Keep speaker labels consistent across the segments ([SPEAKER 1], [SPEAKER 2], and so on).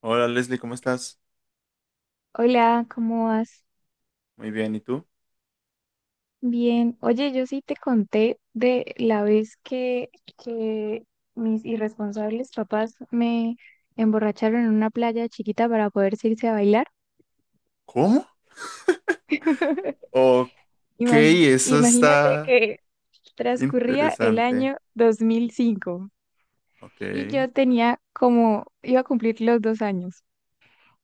[SPEAKER 1] Hola Leslie, ¿cómo estás?
[SPEAKER 2] Hola, ¿cómo vas?
[SPEAKER 1] Muy bien, ¿y tú?
[SPEAKER 2] Bien. Oye, yo sí te conté de la vez que mis irresponsables papás me emborracharon en una playa chiquita para poder irse a bailar.
[SPEAKER 1] ¿Cómo? Ok, eso
[SPEAKER 2] Imagínate
[SPEAKER 1] está
[SPEAKER 2] que transcurría el
[SPEAKER 1] interesante.
[SPEAKER 2] año 2005
[SPEAKER 1] Ok,
[SPEAKER 2] y yo tenía como, iba a cumplir los 2 años.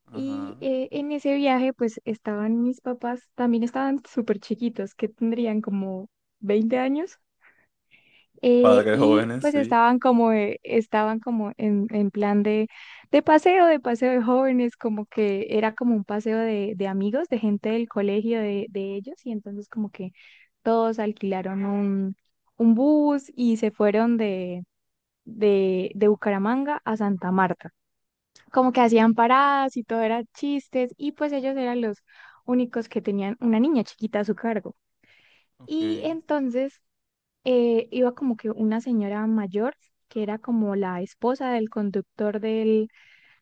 [SPEAKER 1] ajá.
[SPEAKER 2] Y en ese viaje pues estaban mis papás, también estaban súper chiquitos, que tendrían como 20 años.
[SPEAKER 1] Padres
[SPEAKER 2] Y
[SPEAKER 1] jóvenes,
[SPEAKER 2] pues
[SPEAKER 1] sí.
[SPEAKER 2] estaban como en plan de paseo de jóvenes, como que era como un paseo de amigos, de gente del colegio de ellos, y entonces como que todos alquilaron un bus y se fueron de Bucaramanga a Santa Marta. Como que hacían paradas y todo era chistes, y pues ellos eran los únicos que tenían una niña chiquita a su cargo.
[SPEAKER 1] Ok,
[SPEAKER 2] Y entonces iba como que una señora mayor, que era como la esposa del conductor del,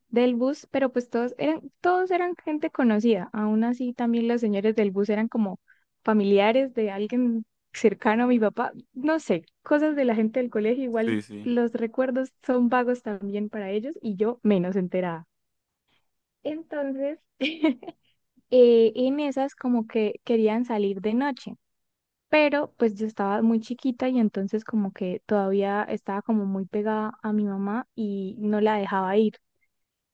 [SPEAKER 2] del bus, pero pues todos eran gente conocida. Aún así, también los señores del bus eran como familiares de alguien cercano a mi papá. No sé, cosas de la gente del colegio, igual
[SPEAKER 1] sí, sí,
[SPEAKER 2] los recuerdos son vagos también para ellos y yo menos enterada. Entonces, en esas como que querían salir de noche, pero pues yo estaba muy chiquita y entonces como que todavía estaba como muy pegada a mi mamá y no la dejaba ir.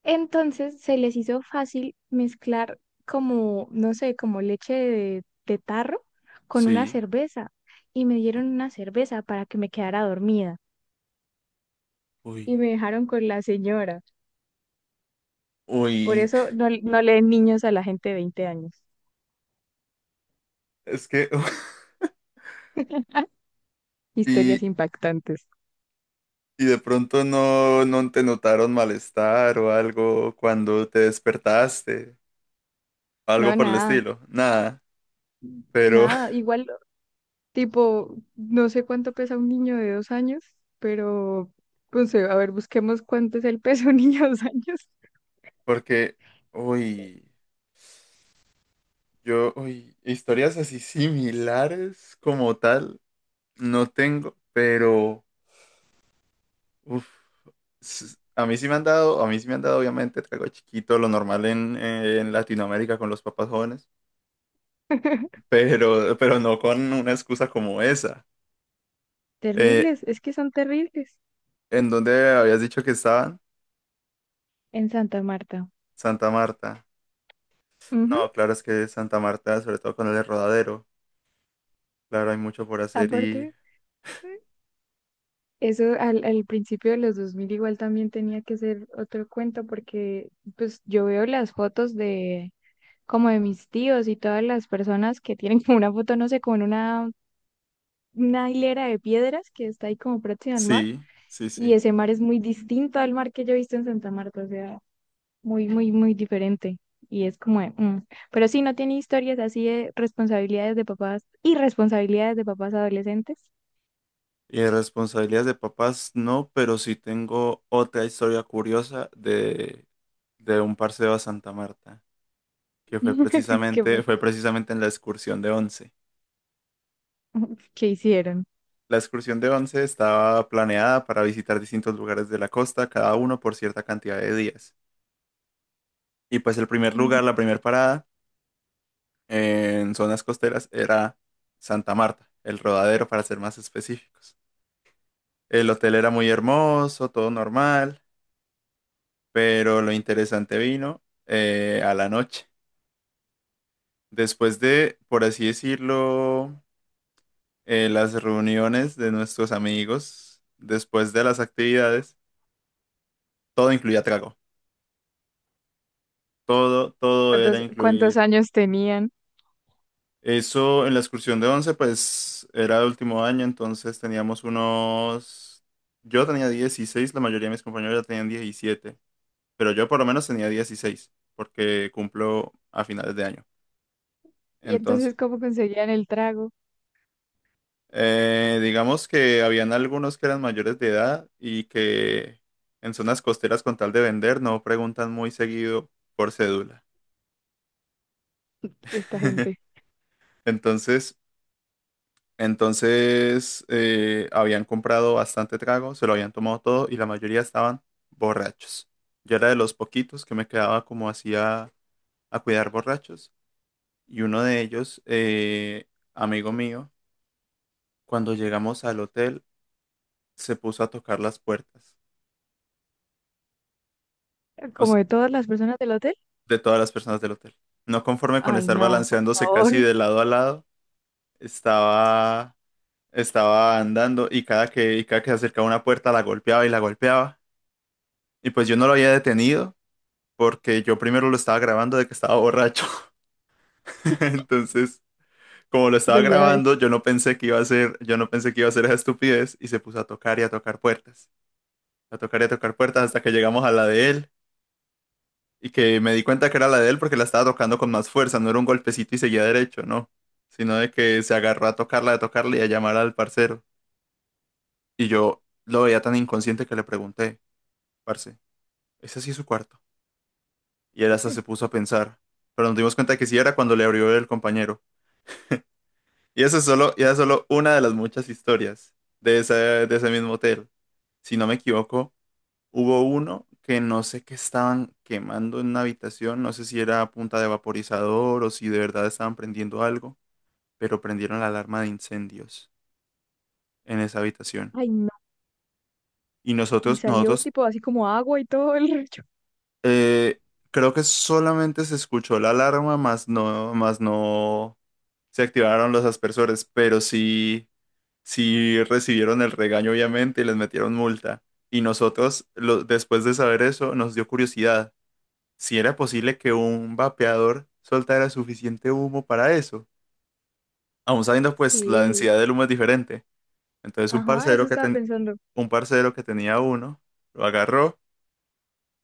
[SPEAKER 2] Entonces se les hizo fácil mezclar como, no sé, como leche de tarro con una
[SPEAKER 1] sí.
[SPEAKER 2] cerveza y me dieron una cerveza para que me quedara dormida
[SPEAKER 1] Uy.
[SPEAKER 2] y me dejaron con la señora. Por
[SPEAKER 1] Uy,
[SPEAKER 2] eso no, no leen niños a la gente de 20 años.
[SPEAKER 1] es que...
[SPEAKER 2] Historias
[SPEAKER 1] Y,
[SPEAKER 2] impactantes.
[SPEAKER 1] y de pronto no, no te notaron malestar o algo cuando te despertaste, algo
[SPEAKER 2] No,
[SPEAKER 1] por el
[SPEAKER 2] nada.
[SPEAKER 1] estilo, ¿nada? Pero
[SPEAKER 2] Nada, igual. Tipo, no sé cuánto pesa un niño de 2 años, pero, pues, a ver, busquemos cuánto es el peso de un niño de dos años.
[SPEAKER 1] porque, uy. Yo, uy, historias así similares como tal, no tengo, pero uf, a mí sí me han dado, a mí sí me han dado obviamente trago chiquito, lo normal en Latinoamérica con los papás jóvenes, pero no con una excusa como esa. Eh,
[SPEAKER 2] Terribles, es que son terribles
[SPEAKER 1] ¿En dónde habías dicho que estaban?
[SPEAKER 2] en Santa Marta.
[SPEAKER 1] Santa Marta.
[SPEAKER 2] Ujú.
[SPEAKER 1] No, claro, es que Santa Marta, sobre todo con el Rodadero, claro, hay mucho por hacer y
[SPEAKER 2] Aparte, eso al principio de los 2000 igual también tenía que ser otro cuento, porque pues yo veo las fotos de como de mis tíos y todas las personas que tienen como una foto, no sé, como en una hilera de piedras que está ahí como próxima al mar,
[SPEAKER 1] sí, sí,
[SPEAKER 2] y
[SPEAKER 1] sí.
[SPEAKER 2] ese mar es muy distinto al mar que yo he visto en Santa Marta, o sea, muy, muy, muy diferente y es como, de, mm. Pero sí, no tiene historias así de responsabilidades de papás y responsabilidades de papás adolescentes.
[SPEAKER 1] Y de responsabilidades de papás no, pero sí tengo otra historia curiosa de un parcero a Santa Marta, que
[SPEAKER 2] ¿Qué, pas-
[SPEAKER 1] fue precisamente en la excursión de Once.
[SPEAKER 2] qué hicieron?
[SPEAKER 1] La excursión de Once estaba planeada para visitar distintos lugares de la costa, cada uno por cierta cantidad de días. Y pues el primer lugar, la primera parada en zonas costeras era Santa Marta, el Rodadero para ser más específicos. El hotel era muy hermoso, todo normal. Pero lo interesante vino a la noche. Después de, por así decirlo, las reuniones de nuestros amigos, después de las actividades, todo incluía trago. Todo, todo era
[SPEAKER 2] Cuántos
[SPEAKER 1] incluir.
[SPEAKER 2] años tenían?
[SPEAKER 1] Eso en la excursión de 11, pues era el último año, entonces teníamos unos... Yo tenía 16, la mayoría de mis compañeros ya tenían 17, pero yo por lo menos tenía 16, porque cumplo a finales de año.
[SPEAKER 2] ¿Y entonces
[SPEAKER 1] Entonces...
[SPEAKER 2] cómo conseguían el trago
[SPEAKER 1] Digamos que habían algunos que eran mayores de edad y que en zonas costeras con tal de vender no preguntan muy seguido por cédula.
[SPEAKER 2] esta gente?
[SPEAKER 1] Entonces, entonces habían comprado bastante trago, se lo habían tomado todo y la mayoría estaban borrachos. Yo era de los poquitos que me quedaba como así a cuidar borrachos y uno de ellos, amigo mío, cuando llegamos al hotel se puso a tocar las puertas. O s-
[SPEAKER 2] ¿Como de todas las personas del hotel?
[SPEAKER 1] de todas las personas del hotel. No conforme con
[SPEAKER 2] Ay,
[SPEAKER 1] estar
[SPEAKER 2] no, por
[SPEAKER 1] balanceándose casi
[SPEAKER 2] favor,
[SPEAKER 1] de lado a lado, estaba, estaba andando y cada que se acercaba a una puerta la golpeaba. Y pues yo no lo había detenido porque yo primero lo estaba grabando de que estaba borracho. Entonces, como lo estaba
[SPEAKER 2] prioridades.
[SPEAKER 1] grabando, yo no pensé que iba a ser esa estupidez y se puso a tocar y a tocar puertas. A tocar y a tocar puertas hasta que llegamos a la de él. Y que me di cuenta que era la de él porque la estaba tocando con más fuerza, no era un golpecito y seguía derecho, no, sino de que se agarró a tocarla y a llamar al parcero. Y yo lo veía tan inconsciente que le pregunté, parce, ¿ese sí es su cuarto? Y él hasta se puso a pensar, pero nos dimos cuenta que sí era cuando le abrió el compañero. Y esa es solo una de las muchas historias de ese mismo hotel. Si no me equivoco, hubo uno que no sé qué estaban quemando en una habitación, no sé si era a punta de vaporizador o si de verdad estaban prendiendo algo, pero prendieron la alarma de incendios en esa habitación.
[SPEAKER 2] Ay, no.
[SPEAKER 1] Y
[SPEAKER 2] Y
[SPEAKER 1] nosotros,
[SPEAKER 2] salió
[SPEAKER 1] nosotros,
[SPEAKER 2] tipo así como agua y todo el rollo.
[SPEAKER 1] eh, creo que solamente se escuchó la alarma, más no se activaron los aspersores, pero sí, sí recibieron el regaño obviamente y les metieron multa. Y nosotros, después de saber eso, nos dio curiosidad si era posible que un vapeador soltara suficiente humo para eso. Aún sabiendo, pues, la
[SPEAKER 2] Sí,
[SPEAKER 1] densidad del humo es diferente. Entonces,
[SPEAKER 2] ajá, eso estaba pensando.
[SPEAKER 1] un parcero que tenía uno, lo agarró,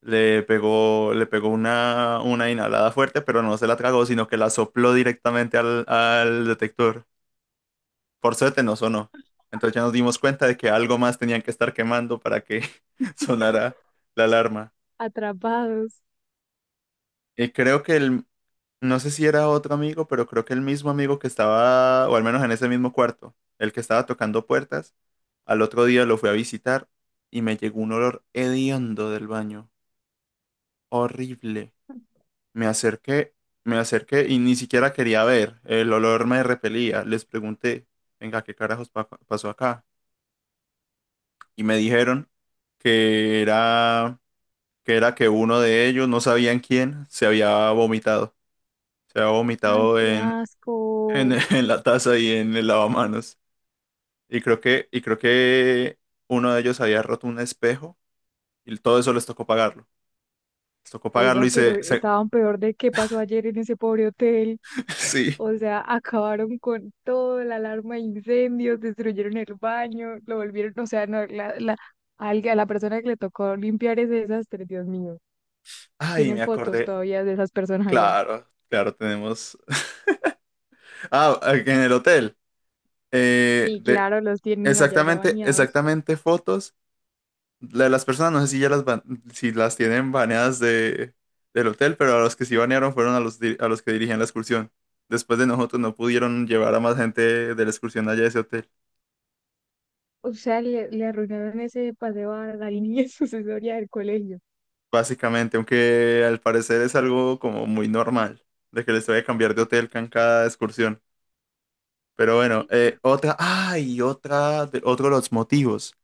[SPEAKER 1] le pegó una inhalada fuerte, pero no se la tragó, sino que la sopló directamente al, al detector. Por suerte no sonó. Entonces ya nos dimos cuenta de que algo más tenían que estar quemando para que sonara la alarma.
[SPEAKER 2] Atrapados.
[SPEAKER 1] Y creo que el, No sé si era otro amigo, pero creo que el mismo amigo que estaba, o al menos en ese mismo cuarto, el que estaba tocando puertas, al otro día lo fui a visitar y me llegó un olor hediondo del baño, horrible. Me acerqué, me acerqué y ni siquiera quería ver, el olor me repelía. Les pregunté, venga, ¿qué carajos pasó acá? Y me dijeron que era, que era que uno de ellos, no sabían quién, se había vomitado. Se había
[SPEAKER 2] Ay,
[SPEAKER 1] vomitado
[SPEAKER 2] qué
[SPEAKER 1] en,
[SPEAKER 2] asco.
[SPEAKER 1] en la taza y en el lavamanos. Y creo que uno de ellos había roto un espejo y todo eso les tocó pagarlo. Les tocó pagarlo
[SPEAKER 2] Oiga,
[SPEAKER 1] y
[SPEAKER 2] pero estaban peor de qué pasó ayer en ese pobre hotel.
[SPEAKER 1] sí.
[SPEAKER 2] O sea, acabaron con todo, la alarma de incendios, destruyeron el baño, lo volvieron, o sea, no, a la persona que le tocó limpiar ese desastre, Dios mío.
[SPEAKER 1] Ay,
[SPEAKER 2] Tienen
[SPEAKER 1] me
[SPEAKER 2] fotos
[SPEAKER 1] acordé.
[SPEAKER 2] todavía de esas personas allá.
[SPEAKER 1] Claro, claro, tenemos. Ah, en el hotel.
[SPEAKER 2] Sí,
[SPEAKER 1] De
[SPEAKER 2] claro, los tienen allá ya
[SPEAKER 1] exactamente,
[SPEAKER 2] bañados.
[SPEAKER 1] exactamente fotos de las personas. No sé si ya las si las tienen baneadas de, del hotel, pero a los que sí banearon fueron a los, a los que dirigían la excursión. Después de nosotros no pudieron llevar a más gente de la excursión allá a ese hotel.
[SPEAKER 2] O sea, le arruinaron ese paseo a la línea sucesoria del colegio.
[SPEAKER 1] Básicamente, aunque al parecer es algo como muy normal, de que les voy a cambiar de hotel con cada excursión. Pero bueno, otra, ay, otra, otro de los motivos.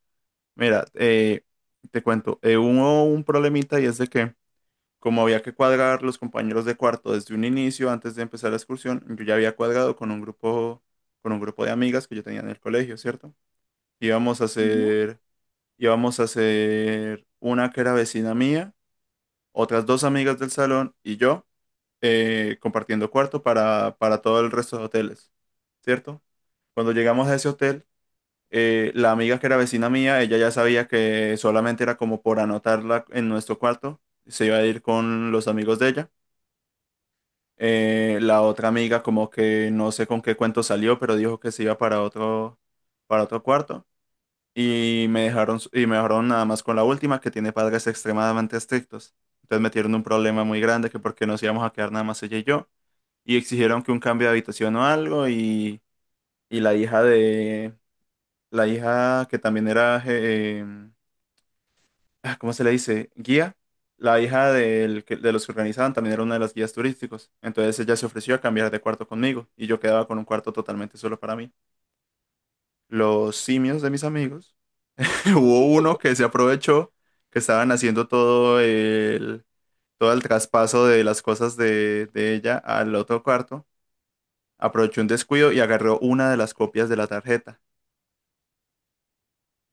[SPEAKER 1] Mira, te cuento, hubo un problemita y es de que como había que cuadrar los compañeros de cuarto desde un inicio, antes de empezar la excursión, yo ya había cuadrado con un grupo de amigas que yo tenía en el colegio, ¿cierto? Íbamos a
[SPEAKER 2] Ujú.
[SPEAKER 1] hacer, íbamos a hacer una que era vecina mía, otras dos amigas del salón y yo, compartiendo cuarto para todo el resto de hoteles, ¿cierto? Cuando llegamos a ese hotel, la amiga que era vecina mía, ella ya sabía que solamente era como por anotarla en nuestro cuarto, se iba a ir con los amigos de ella. La otra amiga como que no sé con qué cuento salió, pero dijo que se iba para otro cuarto. Y me dejaron nada más con la última, que tiene padres extremadamente estrictos. Entonces metieron un problema muy grande que porque nos íbamos a quedar nada más ella y yo y exigieron que un cambio de habitación o algo y, y la hija de la hija que también era ¿cómo se le dice? Guía. La hija de los que organizaban también era una de las guías turísticos, entonces ella se ofreció a cambiar de cuarto conmigo y yo quedaba con un cuarto totalmente solo para mí. Los simios de mis amigos hubo uno que se aprovechó que estaban haciendo todo el traspaso de las cosas de ella al otro cuarto. Aprovechó un descuido y agarró una de las copias de la tarjeta.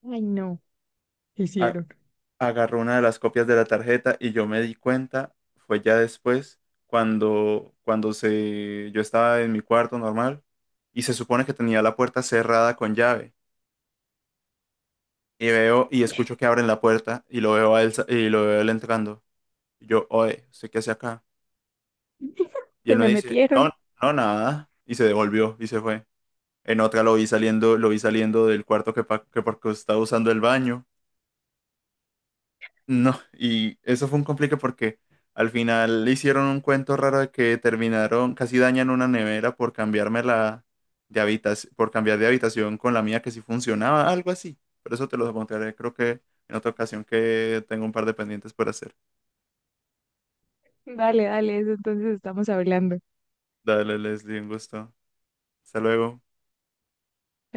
[SPEAKER 2] Ay, no. ¿Qué
[SPEAKER 1] A-
[SPEAKER 2] hicieron?
[SPEAKER 1] Agarró una de las copias de la tarjeta y yo me di cuenta, fue ya después, yo estaba en mi cuarto normal y se supone que tenía la puerta cerrada con llave. Y veo y escucho que abren la puerta y lo veo a él, y lo veo a él entrando. Y yo, oye, ¿usted qué hace acá? Y él
[SPEAKER 2] Se
[SPEAKER 1] me
[SPEAKER 2] me
[SPEAKER 1] dice,
[SPEAKER 2] metieron.
[SPEAKER 1] no, no, nada. Y se devolvió y se fue. En otra lo vi saliendo del cuarto que porque estaba usando el baño. No, y eso fue un complique porque al final le hicieron un cuento raro de que terminaron, casi dañan una nevera por cambiarme la de habitación, por cambiar de habitación con la mía que sí funcionaba, algo así. Pero eso te lo contaré, creo que en otra ocasión que tengo un par de pendientes por hacer.
[SPEAKER 2] Dale, dale, eso entonces estamos hablando.
[SPEAKER 1] Dale, Leslie, un gusto. Hasta luego.